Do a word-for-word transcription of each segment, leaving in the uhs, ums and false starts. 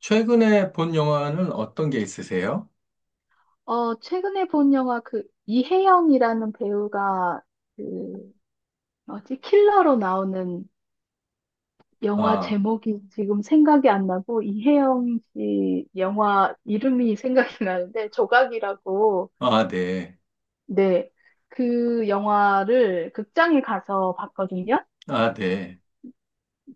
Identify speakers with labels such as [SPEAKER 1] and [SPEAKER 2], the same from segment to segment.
[SPEAKER 1] 최근에 본 영화는 어떤 게 있으세요?
[SPEAKER 2] 어, 최근에 본 영화 그 이혜영이라는 배우가 그 뭐지? 킬러로 나오는 영화
[SPEAKER 1] 아,
[SPEAKER 2] 제목이 지금 생각이 안 나고 이혜영 씨 영화 이름이 생각이 나는데 조각이라고
[SPEAKER 1] 아, 네.
[SPEAKER 2] 네. 그 영화를 극장에 가서 봤거든요.
[SPEAKER 1] 아, 네.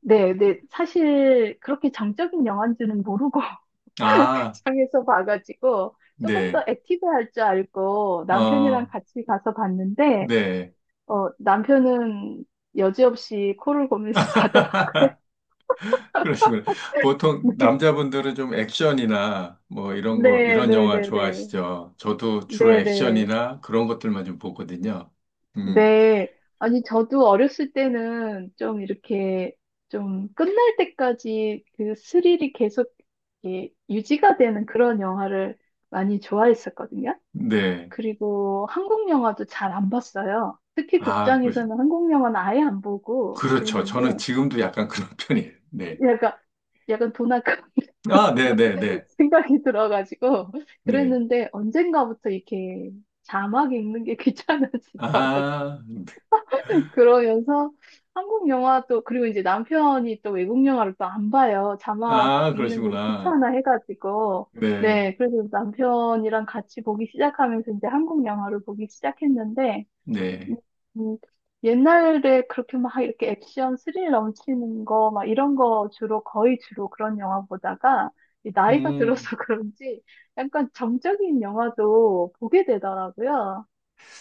[SPEAKER 2] 네, 네. 사실 그렇게 정적인 영화인지는 모르고
[SPEAKER 1] 아,
[SPEAKER 2] 극장에서 봐가지고 조금 더
[SPEAKER 1] 네.
[SPEAKER 2] 액티브할 줄 알고 남편이랑
[SPEAKER 1] 어,
[SPEAKER 2] 같이 가서 봤는데
[SPEAKER 1] 네.
[SPEAKER 2] 어, 남편은 여지없이 코를 골면서 자더라고요.
[SPEAKER 1] 그러시군요. 보통 남자분들은 좀 액션이나 뭐 이런 거,
[SPEAKER 2] 네,
[SPEAKER 1] 이런
[SPEAKER 2] 네,
[SPEAKER 1] 영화
[SPEAKER 2] 네, 네.
[SPEAKER 1] 좋아하시죠? 저도 주로
[SPEAKER 2] 네, 네.
[SPEAKER 1] 액션이나 그런 것들만 좀 보거든요. 음,
[SPEAKER 2] 네. 아니, 저도 어렸을 때는 좀 이렇게 좀 끝날 때까지 그 스릴이 계속 이렇게 유지가 되는 그런 영화를 많이 좋아했었거든요.
[SPEAKER 1] 네.
[SPEAKER 2] 그리고 한국 영화도 잘 안 봤어요. 특히
[SPEAKER 1] 아, 그러시
[SPEAKER 2] 극장에서는 한국 영화는 아예 안 보고
[SPEAKER 1] 그렇죠. 저는
[SPEAKER 2] 그랬는데
[SPEAKER 1] 지금도 약간 그런 편이에요. 네.
[SPEAKER 2] 약간, 약간 돈 아까
[SPEAKER 1] 아, 네,
[SPEAKER 2] 그런
[SPEAKER 1] 네, 네.
[SPEAKER 2] 생각이 들어가지고
[SPEAKER 1] 네.
[SPEAKER 2] 그랬는데 언젠가부터 이렇게 자막 읽는 게 귀찮아지더라고요.
[SPEAKER 1] 아,
[SPEAKER 2] 그러면서 한국 영화도 그리고 이제 남편이 또 외국 영화를 또 안 봐요. 자막
[SPEAKER 1] 아,
[SPEAKER 2] 읽는 걸
[SPEAKER 1] 그러시구나.
[SPEAKER 2] 귀찮아 해가지고
[SPEAKER 1] 네.
[SPEAKER 2] 네. 그래서 남편이랑 같이 보기 시작하면서 이제 한국 영화를 보기 시작했는데 음,
[SPEAKER 1] 네.
[SPEAKER 2] 음, 옛날에 그렇게 막 이렇게 액션 스릴 넘치는 거, 막 이런 거 주로, 거의 주로 그런 영화 보다가, 이 나이가 들어서
[SPEAKER 1] 음,
[SPEAKER 2] 그런지 약간 정적인 영화도 보게 되더라고요.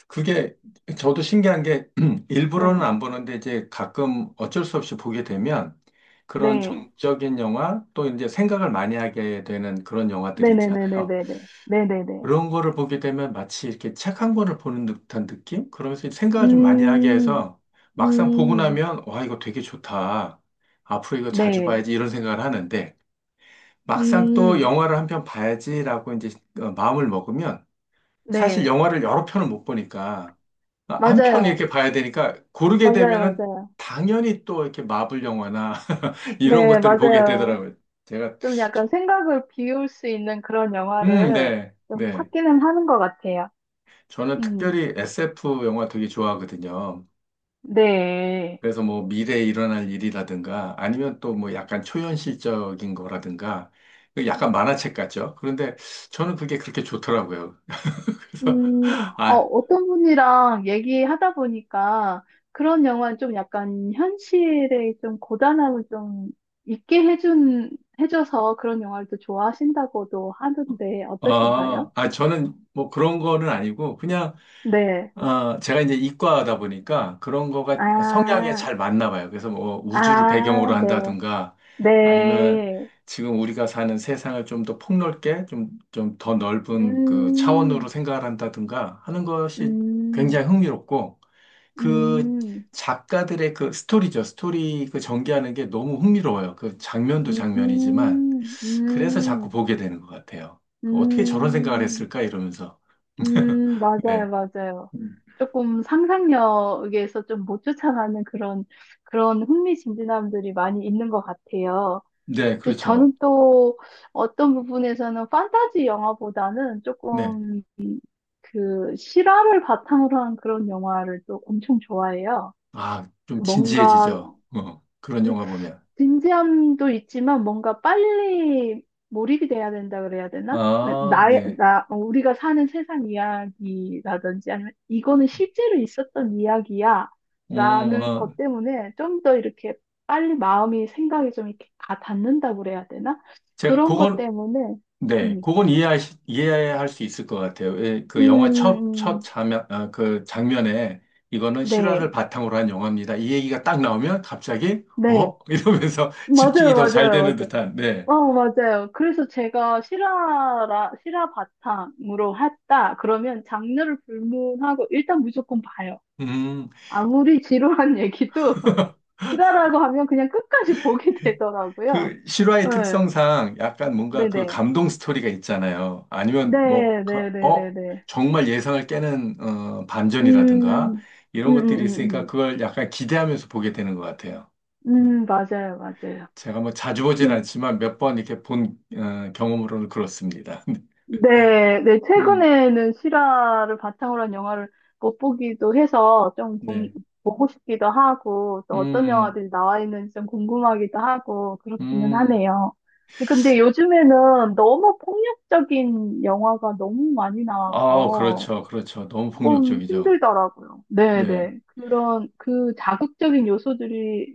[SPEAKER 1] 그게 저도 신기한 게 일부러는
[SPEAKER 2] 네.
[SPEAKER 1] 안 보는데 이제 가끔 어쩔 수 없이 보게 되면 그런
[SPEAKER 2] 네.
[SPEAKER 1] 정적인 영화 또 이제 생각을 많이 하게 되는 그런 영화들 있잖아요.
[SPEAKER 2] 네네네네네네. 네네네.
[SPEAKER 1] 그런 거를 보게 되면 마치 이렇게 책 한 권을 보는 듯한 느낌? 그러면서 생각을 좀 많이 하게
[SPEAKER 2] 음,
[SPEAKER 1] 해서 막상 보고
[SPEAKER 2] 음,
[SPEAKER 1] 나면 와, 이거 되게 좋다. 앞으로 이거 자주
[SPEAKER 2] 네.
[SPEAKER 1] 봐야지 이런 생각을 하는데 막상 또
[SPEAKER 2] 음,
[SPEAKER 1] 영화를 한 편 봐야지라고 이제 어, 마음을 먹으면 사실
[SPEAKER 2] 네.
[SPEAKER 1] 영화를 여러 편을 못 보니까 아, 한 음. 편
[SPEAKER 2] 맞아요.
[SPEAKER 1] 이렇게 봐야 되니까 고르게
[SPEAKER 2] 맞아요.
[SPEAKER 1] 되면은
[SPEAKER 2] 맞아요.
[SPEAKER 1] 당연히 또 이렇게 마블 영화나 이런
[SPEAKER 2] 네,
[SPEAKER 1] 것들을 보게
[SPEAKER 2] 맞아요.
[SPEAKER 1] 되더라고요. 제가
[SPEAKER 2] 좀
[SPEAKER 1] 저-
[SPEAKER 2] 약간 생각을 비울 수 있는 그런
[SPEAKER 1] 음,
[SPEAKER 2] 영화를
[SPEAKER 1] 네,
[SPEAKER 2] 좀
[SPEAKER 1] 네.
[SPEAKER 2] 찾기는 하는 것 같아요.
[SPEAKER 1] 저는
[SPEAKER 2] 음,
[SPEAKER 1] 특별히 에스에프 영화 되게 좋아하거든요.
[SPEAKER 2] 네.
[SPEAKER 1] 그래서 뭐 미래에 일어날 일이라든가 아니면 또 뭐 약간 초현실적인 거라든가 그 약간 만화책 같죠. 그런데 저는 그게 그렇게 좋더라고요. 그래서
[SPEAKER 2] 음, 어,
[SPEAKER 1] 아,
[SPEAKER 2] 어떤 분이랑 얘기하다 보니까 그런 영화는 좀 약간 현실의 좀 고단함을 좀 있게 해준, 해줘서 그런 영화를 또 좋아하신다고도 하던데 어떠신가요?
[SPEAKER 1] 아, 아, 저는 뭐 그런 거는 아니고 그냥
[SPEAKER 2] 네.
[SPEAKER 1] 아, 제가 이제 이과다 보니까 그런 거가 성향에
[SPEAKER 2] 아,
[SPEAKER 1] 잘 맞나 봐요. 그래서 뭐 우주를
[SPEAKER 2] 아,
[SPEAKER 1] 배경으로
[SPEAKER 2] 네.
[SPEAKER 1] 한다든가 아니면
[SPEAKER 2] 네.
[SPEAKER 1] 지금 우리가 사는 세상을 좀 더 폭넓게 좀, 좀 더 넓은 그 차원으로
[SPEAKER 2] 음,
[SPEAKER 1] 생각을 한다든가 하는 것이
[SPEAKER 2] 음,
[SPEAKER 1] 굉장히 흥미롭고 그
[SPEAKER 2] 음.
[SPEAKER 1] 작가들의 그 스토리죠. 스토리 그 전개하는 게 너무 흥미로워요. 그 장면도
[SPEAKER 2] 음,
[SPEAKER 1] 장면이지만 그래서
[SPEAKER 2] 음,
[SPEAKER 1] 자꾸 보게 되는 것 같아요. 어떻게 저런 생각을
[SPEAKER 2] 음,
[SPEAKER 1] 했을까 이러면서.
[SPEAKER 2] 음, 맞아요,
[SPEAKER 1] 네.
[SPEAKER 2] 맞아요. 조금 상상력에서 좀 못 쫓아가는 그런, 그런 흥미진진함들이 많이 있는 것 같아요.
[SPEAKER 1] 네,
[SPEAKER 2] 근데
[SPEAKER 1] 그렇죠.
[SPEAKER 2] 저는 또 어떤 부분에서는 판타지 영화보다는
[SPEAKER 1] 네.
[SPEAKER 2] 조금 그 실화를 바탕으로 한 그런 영화를 또 엄청 좋아해요.
[SPEAKER 1] 아, 좀
[SPEAKER 2] 뭔가
[SPEAKER 1] 진지해지죠. 어, 그런 영화 보면.
[SPEAKER 2] 진지함도 있지만 뭔가 빨리 몰입이 돼야 된다 그래야 되나?
[SPEAKER 1] 아,
[SPEAKER 2] 나의,
[SPEAKER 1] 네.
[SPEAKER 2] 나, 어, 우리가 사는 세상 이야기라든지 아니면 이거는 실제로 있었던 이야기야
[SPEAKER 1] 어,
[SPEAKER 2] 라는
[SPEAKER 1] 어,
[SPEAKER 2] 것 때문에 좀 더 이렇게 빨리 마음이 생각이 좀 이렇게 가 닿는다 그래야 되나?
[SPEAKER 1] 제가
[SPEAKER 2] 그런 것
[SPEAKER 1] 그걸,
[SPEAKER 2] 때문에,
[SPEAKER 1] 네,
[SPEAKER 2] 음,
[SPEAKER 1] 그건 이해할, 수- 이해할 수 있을 것 같아요. 예,
[SPEAKER 2] 음,
[SPEAKER 1] 그 영화 첫, 첫
[SPEAKER 2] 음,
[SPEAKER 1] 장면, 아, 그 장면에 이거는 실화를
[SPEAKER 2] 네,
[SPEAKER 1] 바탕으로 한 영화입니다. 이 얘기가 딱 나오면 갑자기,
[SPEAKER 2] 네.
[SPEAKER 1] 어? 이러면서 집중이
[SPEAKER 2] 맞아요,
[SPEAKER 1] 더 잘 되는
[SPEAKER 2] 맞아요,
[SPEAKER 1] 듯한, 네.
[SPEAKER 2] 어, 맞아요. 그래서 제가 실화라, 실화 바탕으로 했다. 그러면 장르를 불문하고 일단 무조건 봐요.
[SPEAKER 1] 음.
[SPEAKER 2] 아무리 지루한 얘기도 실화라고 하면 그냥 끝까지 보게 되더라고요.
[SPEAKER 1] 그 실화의
[SPEAKER 2] 네,
[SPEAKER 1] 특성상 약간 뭔가 그
[SPEAKER 2] 네네.
[SPEAKER 1] 감동 스토리가 있잖아요. 아니면 뭐, 가- 어,
[SPEAKER 2] 네네네네네.
[SPEAKER 1] 정말 예상을 깨는 어, 반전이라든가
[SPEAKER 2] 음,
[SPEAKER 1] 이런
[SPEAKER 2] 음,
[SPEAKER 1] 것들이
[SPEAKER 2] 음,
[SPEAKER 1] 있으니까
[SPEAKER 2] 음,
[SPEAKER 1] 그걸 약간 기대하면서 보게 되는 것 같아요. 네.
[SPEAKER 2] 음, 음, 맞아요, 맞아요.
[SPEAKER 1] 제가 뭐 자주 보진
[SPEAKER 2] 그,
[SPEAKER 1] 않지만 몇 번 이렇게 본 어, 경험으로는 그렇습니다.
[SPEAKER 2] 네, 네,
[SPEAKER 1] 음,
[SPEAKER 2] 최근에는 실화를 바탕으로 한 영화를 못 보기도 해서 좀 궁-
[SPEAKER 1] 네.
[SPEAKER 2] 보고 싶기도 하고, 또 어떤
[SPEAKER 1] 음,
[SPEAKER 2] 영화들이 나와 있는지 좀 궁금하기도 하고, 그렇기는
[SPEAKER 1] 음.
[SPEAKER 2] 하네요. 근데 요즘에는 너무 폭력적인 영화가 너무 많이
[SPEAKER 1] 아,
[SPEAKER 2] 나와서
[SPEAKER 1] 그렇죠. 그렇죠. 너무
[SPEAKER 2] 조금
[SPEAKER 1] 폭력적이죠.
[SPEAKER 2] 힘들더라고요. 네,
[SPEAKER 1] 네.
[SPEAKER 2] 네. 그런, 그 자극적인 요소들이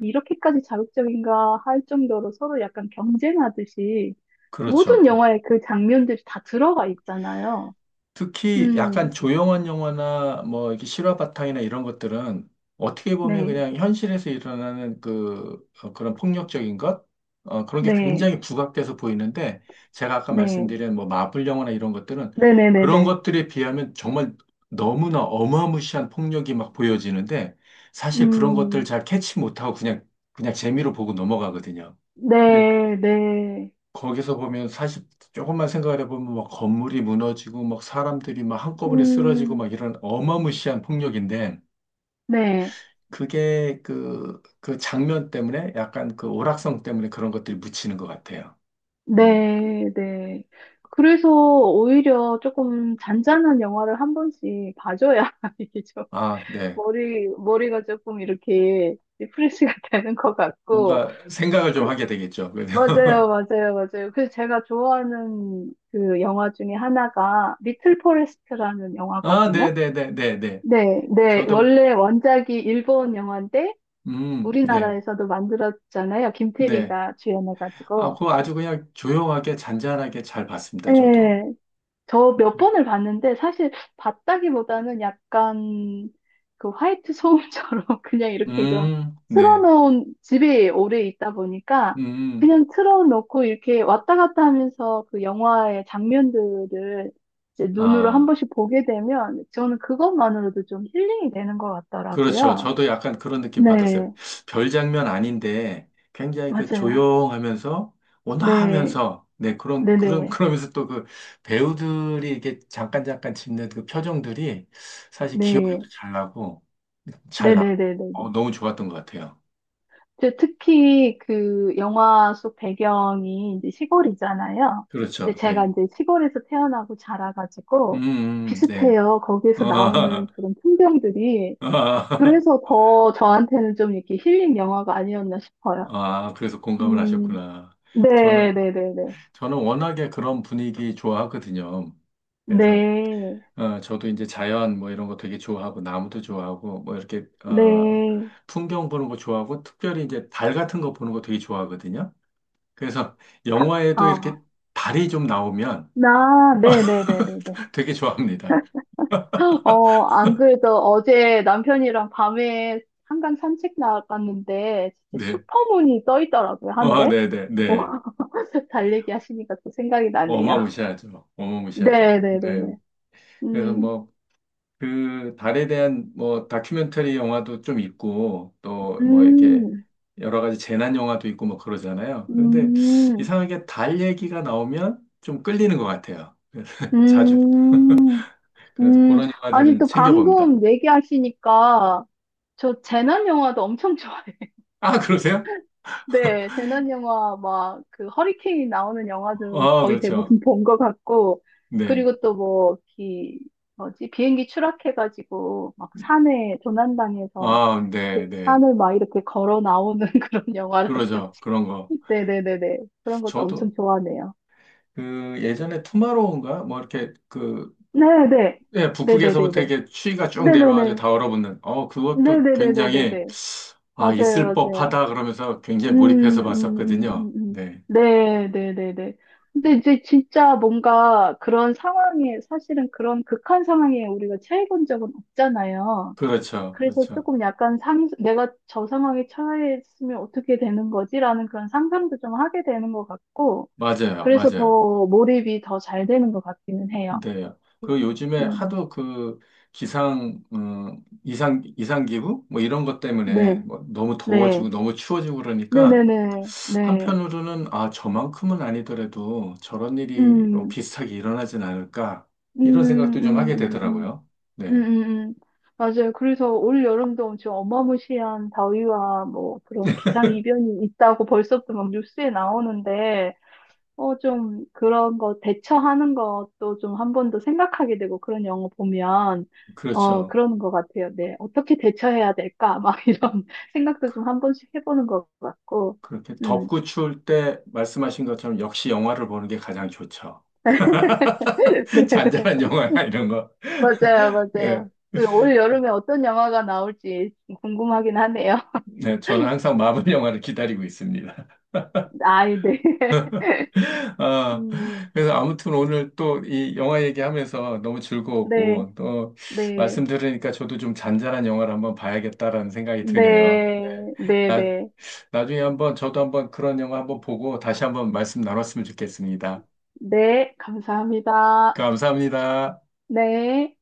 [SPEAKER 2] 이렇게까지 자극적인가 할 정도로 서로 약간 경쟁하듯이
[SPEAKER 1] 그렇죠.
[SPEAKER 2] 모든
[SPEAKER 1] 그렇죠.
[SPEAKER 2] 영화에 그 장면들이 다 들어가 있잖아요.
[SPEAKER 1] 특히 약간
[SPEAKER 2] 음,
[SPEAKER 1] 조용한 영화나 뭐 이렇게 실화 바탕이나 이런 것들은 어떻게 보면
[SPEAKER 2] 네,
[SPEAKER 1] 그냥 현실에서 일어나는 그 어, 그런 폭력적인 것 어, 그런 게
[SPEAKER 2] 네,
[SPEAKER 1] 굉장히 부각돼서 보이는데 제가 아까
[SPEAKER 2] 네,
[SPEAKER 1] 말씀드린 뭐 마블 영화나 이런 것들은 그런
[SPEAKER 2] 네네네네.
[SPEAKER 1] 것들에 비하면 정말 너무나 어마무시한 폭력이 막 보여지는데 사실 그런 것들
[SPEAKER 2] 음,
[SPEAKER 1] 잘 캐치 못하고 그냥 그냥 재미로 보고 넘어가거든요.
[SPEAKER 2] 네, 네,
[SPEAKER 1] 거기서 보면 사실 조금만 생각을 해보면 막 건물이 무너지고 막 사람들이 막 한꺼번에 쓰러지고
[SPEAKER 2] 음,
[SPEAKER 1] 막 이런 어마무시한 폭력인데
[SPEAKER 2] 네,
[SPEAKER 1] 그게 그, 그 장면 때문에 약간 그 오락성 때문에 그런 것들이 묻히는 것 같아요. 음.
[SPEAKER 2] 네, 네. 그래서 오히려 조금 잔잔한 영화를 한 번씩 봐줘야 이게 좀
[SPEAKER 1] 아, 네.
[SPEAKER 2] 머리, 머리가 조금 이렇게 리프레시가 되는 것 같고,
[SPEAKER 1] 뭔가 생각을 좀
[SPEAKER 2] 그
[SPEAKER 1] 하게 되겠죠. 그래서
[SPEAKER 2] 맞아요, 맞아요, 맞아요. 그래서 제가 좋아하는 그 영화 중에 하나가 리틀 포레스트라는
[SPEAKER 1] 아,
[SPEAKER 2] 영화거든요.
[SPEAKER 1] 네네네네네.
[SPEAKER 2] 네, 네.
[SPEAKER 1] 저도,
[SPEAKER 2] 원래 원작이 일본 영화인데
[SPEAKER 1] 음, 네.
[SPEAKER 2] 우리나라에서도 만들었잖아요.
[SPEAKER 1] 네.
[SPEAKER 2] 김태리가
[SPEAKER 1] 아,
[SPEAKER 2] 주연해가지고.
[SPEAKER 1] 그거 아주 그냥 조용하게 잔잔하게 잘 봤습니다. 저도.
[SPEAKER 2] 네. 저 몇 번을 봤는데 사실 봤다기보다는 약간 그 화이트 소음처럼 그냥 이렇게 좀
[SPEAKER 1] 음, 네.
[SPEAKER 2] 틀어놓은 집에 오래 있다 보니까
[SPEAKER 1] 음,
[SPEAKER 2] 그냥 틀어놓고 이렇게 왔다 갔다 하면서 그 영화의 장면들을 이제 눈으로 한
[SPEAKER 1] 아.
[SPEAKER 2] 번씩 보게 되면 저는 그것만으로도 좀 힐링이 되는 것
[SPEAKER 1] 그렇죠.
[SPEAKER 2] 같더라고요.
[SPEAKER 1] 저도 약간 그런 느낌 받았어요.
[SPEAKER 2] 네,
[SPEAKER 1] 별 장면 아닌데 굉장히 그
[SPEAKER 2] 맞아요.
[SPEAKER 1] 조용하면서
[SPEAKER 2] 네,
[SPEAKER 1] 온화하면서 네 그런 그런
[SPEAKER 2] 네네,
[SPEAKER 1] 그러면서 또 그 배우들이 이렇게 잠깐 잠깐 짓는 그 표정들이 사실
[SPEAKER 2] 네,
[SPEAKER 1] 기억에도 잘 나고 잘 나.
[SPEAKER 2] 네네네네.
[SPEAKER 1] 어, 너무 좋았던 것 같아요.
[SPEAKER 2] 그 특히 그 영화 속 배경이 이제 시골이잖아요. 근데
[SPEAKER 1] 그렇죠.
[SPEAKER 2] 제가
[SPEAKER 1] 네.
[SPEAKER 2] 이제 시골에서 태어나고
[SPEAKER 1] 음,
[SPEAKER 2] 자라가지고
[SPEAKER 1] 음, 네.
[SPEAKER 2] 비슷해요. 거기에서
[SPEAKER 1] 아,
[SPEAKER 2] 나오는 그런 풍경들이.
[SPEAKER 1] 아,
[SPEAKER 2] 그래서 더 저한테는 좀 이렇게 힐링 영화가 아니었나 싶어요.
[SPEAKER 1] 아, 그래서 공감을
[SPEAKER 2] 음,
[SPEAKER 1] 하셨구나.
[SPEAKER 2] 네,
[SPEAKER 1] 저는
[SPEAKER 2] 네, 네, 네.
[SPEAKER 1] 저는 워낙에 그런 분위기 좋아하거든요. 그래서
[SPEAKER 2] 네,
[SPEAKER 1] 어, 저도 이제 자연 뭐 이런 거 되게 좋아하고 나무도 좋아하고 뭐 이렇게 어,
[SPEAKER 2] 네.
[SPEAKER 1] 풍경 보는 거 좋아하고 특별히 이제 달 같은 거 보는 거 되게 좋아하거든요. 그래서
[SPEAKER 2] 다,
[SPEAKER 1] 영화에도 이렇게
[SPEAKER 2] 어,
[SPEAKER 1] 달이 좀 나오면
[SPEAKER 2] 나, 네, 네, 네, 네, 네.
[SPEAKER 1] 되게 좋아합니다.
[SPEAKER 2] 어, 안 그래도 어제 남편이랑 밤에 한강 산책 나갔는데 진짜
[SPEAKER 1] 네.
[SPEAKER 2] 슈퍼문이 떠 있더라고요,
[SPEAKER 1] 아,
[SPEAKER 2] 하늘에.
[SPEAKER 1] 네네,
[SPEAKER 2] 어,
[SPEAKER 1] 네.
[SPEAKER 2] 달리기 하시니까 또 생각이 나네요.
[SPEAKER 1] 어마무시하죠. 어마무시하죠.
[SPEAKER 2] 네, 네, 네,
[SPEAKER 1] 네.
[SPEAKER 2] 네.
[SPEAKER 1] 그래서
[SPEAKER 2] 음,
[SPEAKER 1] 뭐, 그 달에 대한 뭐 다큐멘터리 영화도 좀 있고 또 뭐 이렇게
[SPEAKER 2] 음,
[SPEAKER 1] 여러 가지 재난 영화도 있고 뭐 그러잖아요. 그런데
[SPEAKER 2] 음,
[SPEAKER 1] 이상하게 달 얘기가 나오면 좀 끌리는 것 같아요. 그래서 자주
[SPEAKER 2] 음,
[SPEAKER 1] 그래서
[SPEAKER 2] 음.
[SPEAKER 1] 그런
[SPEAKER 2] 아니,
[SPEAKER 1] 영화들은
[SPEAKER 2] 또
[SPEAKER 1] 챙겨봅니다.
[SPEAKER 2] 방금 얘기하시니까 저 재난 영화도 엄청 좋아해요.
[SPEAKER 1] 아, 그러세요?
[SPEAKER 2] 네, 재난 영화 막 그 허리케인 나오는 영화들은
[SPEAKER 1] 아,
[SPEAKER 2] 거의
[SPEAKER 1] 그렇죠.
[SPEAKER 2] 대부분 본 것 같고
[SPEAKER 1] 네.
[SPEAKER 2] 그리고 또 뭐 기 뭐지 비행기 추락해가지고 막 산에 조난당해서
[SPEAKER 1] 아,
[SPEAKER 2] 그
[SPEAKER 1] 네, 네.
[SPEAKER 2] 산을 막 이렇게 걸어 나오는 그런
[SPEAKER 1] 그러죠.
[SPEAKER 2] 영화라든지
[SPEAKER 1] 그런 거.
[SPEAKER 2] 네네네네 그런 것도
[SPEAKER 1] 저도
[SPEAKER 2] 엄청 좋아하네요.
[SPEAKER 1] 그 예전에 투마로우인가 뭐 이렇게 그
[SPEAKER 2] 네네
[SPEAKER 1] 예, 북극에서부터
[SPEAKER 2] 네네네네
[SPEAKER 1] 이렇게 추위가 쭉 내려와서
[SPEAKER 2] 네네네
[SPEAKER 1] 다 얼어붙는, 어, 그것도
[SPEAKER 2] 네네네네네
[SPEAKER 1] 굉장히, 아, 있을
[SPEAKER 2] 맞아요.
[SPEAKER 1] 법하다 그러면서
[SPEAKER 2] 음,
[SPEAKER 1] 굉장히 몰입해서
[SPEAKER 2] 음, 음,
[SPEAKER 1] 봤었거든요.
[SPEAKER 2] 음, 음.
[SPEAKER 1] 네.
[SPEAKER 2] 네, 네, 네, 네. 근데 이제 진짜 뭔가 그런 상황에, 사실은 그런 극한 상황에 우리가 처해 본 적은 없잖아요.
[SPEAKER 1] 그렇죠.
[SPEAKER 2] 그래서
[SPEAKER 1] 그렇죠.
[SPEAKER 2] 조금 약간 상, 내가 저 상황에 처했으면 어떻게 되는 거지라는 그런 상상도 좀 하게 되는 것 같고,
[SPEAKER 1] 맞아요.
[SPEAKER 2] 그래서
[SPEAKER 1] 맞아요.
[SPEAKER 2] 더 몰입이 더 잘 되는 것 같기는 해요.
[SPEAKER 1] 네. 그
[SPEAKER 2] 음,
[SPEAKER 1] 요즘에
[SPEAKER 2] 음,
[SPEAKER 1] 하도 그 기상, 음, 이상, 이상기후? 뭐 이런 것 때문에
[SPEAKER 2] 네,
[SPEAKER 1] 뭐 너무
[SPEAKER 2] 네,
[SPEAKER 1] 더워지고 너무 추워지고 그러니까
[SPEAKER 2] 네네네, 네. 네. 네.
[SPEAKER 1] 한편으로는 아, 저만큼은 아니더라도 저런 일이 어,
[SPEAKER 2] 음,
[SPEAKER 1] 비슷하게 일어나진 않을까
[SPEAKER 2] 음,
[SPEAKER 1] 이런 생각도 좀
[SPEAKER 2] 음,
[SPEAKER 1] 하게
[SPEAKER 2] 음, 음.
[SPEAKER 1] 되더라고요.
[SPEAKER 2] 음,
[SPEAKER 1] 네.
[SPEAKER 2] 음, 음. 맞아요. 그래서 올 여름도 엄청 어마무시한 더위와 뭐 그런 기상이변이 있다고 벌써부터 막 뉴스에 나오는데, 어, 좀 그런 거 대처하는 것도 좀 한 번 더 생각하게 되고 그런 영화 보면, 어,
[SPEAKER 1] 그렇죠.
[SPEAKER 2] 그러는 것 같아요. 네. 어떻게 대처해야 될까? 막 이런 생각도 좀 한 번씩 해보는 것 같고,
[SPEAKER 1] 그렇게
[SPEAKER 2] 음.
[SPEAKER 1] 덥고 추울 때 말씀하신 것처럼 역시 영화를 보는 게 가장 좋죠.
[SPEAKER 2] 네, 네.
[SPEAKER 1] 잔잔한 영화나 이런 거.
[SPEAKER 2] 맞아요,
[SPEAKER 1] 예,
[SPEAKER 2] 맞아요. 그올 여름에 어떤 영화가 나올지 궁금하긴 하네요.
[SPEAKER 1] 네, 저는 항상 마블 영화를 기다리고 있습니다.
[SPEAKER 2] 아이, 네.
[SPEAKER 1] 아,
[SPEAKER 2] 음.
[SPEAKER 1] 그래서 아무튼 오늘 또 이 영화 얘기하면서 너무
[SPEAKER 2] 네,
[SPEAKER 1] 즐거웠고, 또
[SPEAKER 2] 네,
[SPEAKER 1] 말씀 들으니까 저도 좀 잔잔한 영화를 한번 봐야겠다라는 생각이 드네요. 네.
[SPEAKER 2] 네, 네,
[SPEAKER 1] 나,
[SPEAKER 2] 네,
[SPEAKER 1] 나중에 한번 저도 한번 그런 영화 한번 보고 다시 한번 말씀 나눴으면 좋겠습니다.
[SPEAKER 2] 네, 감사합니다.
[SPEAKER 1] 감사합니다.
[SPEAKER 2] 네.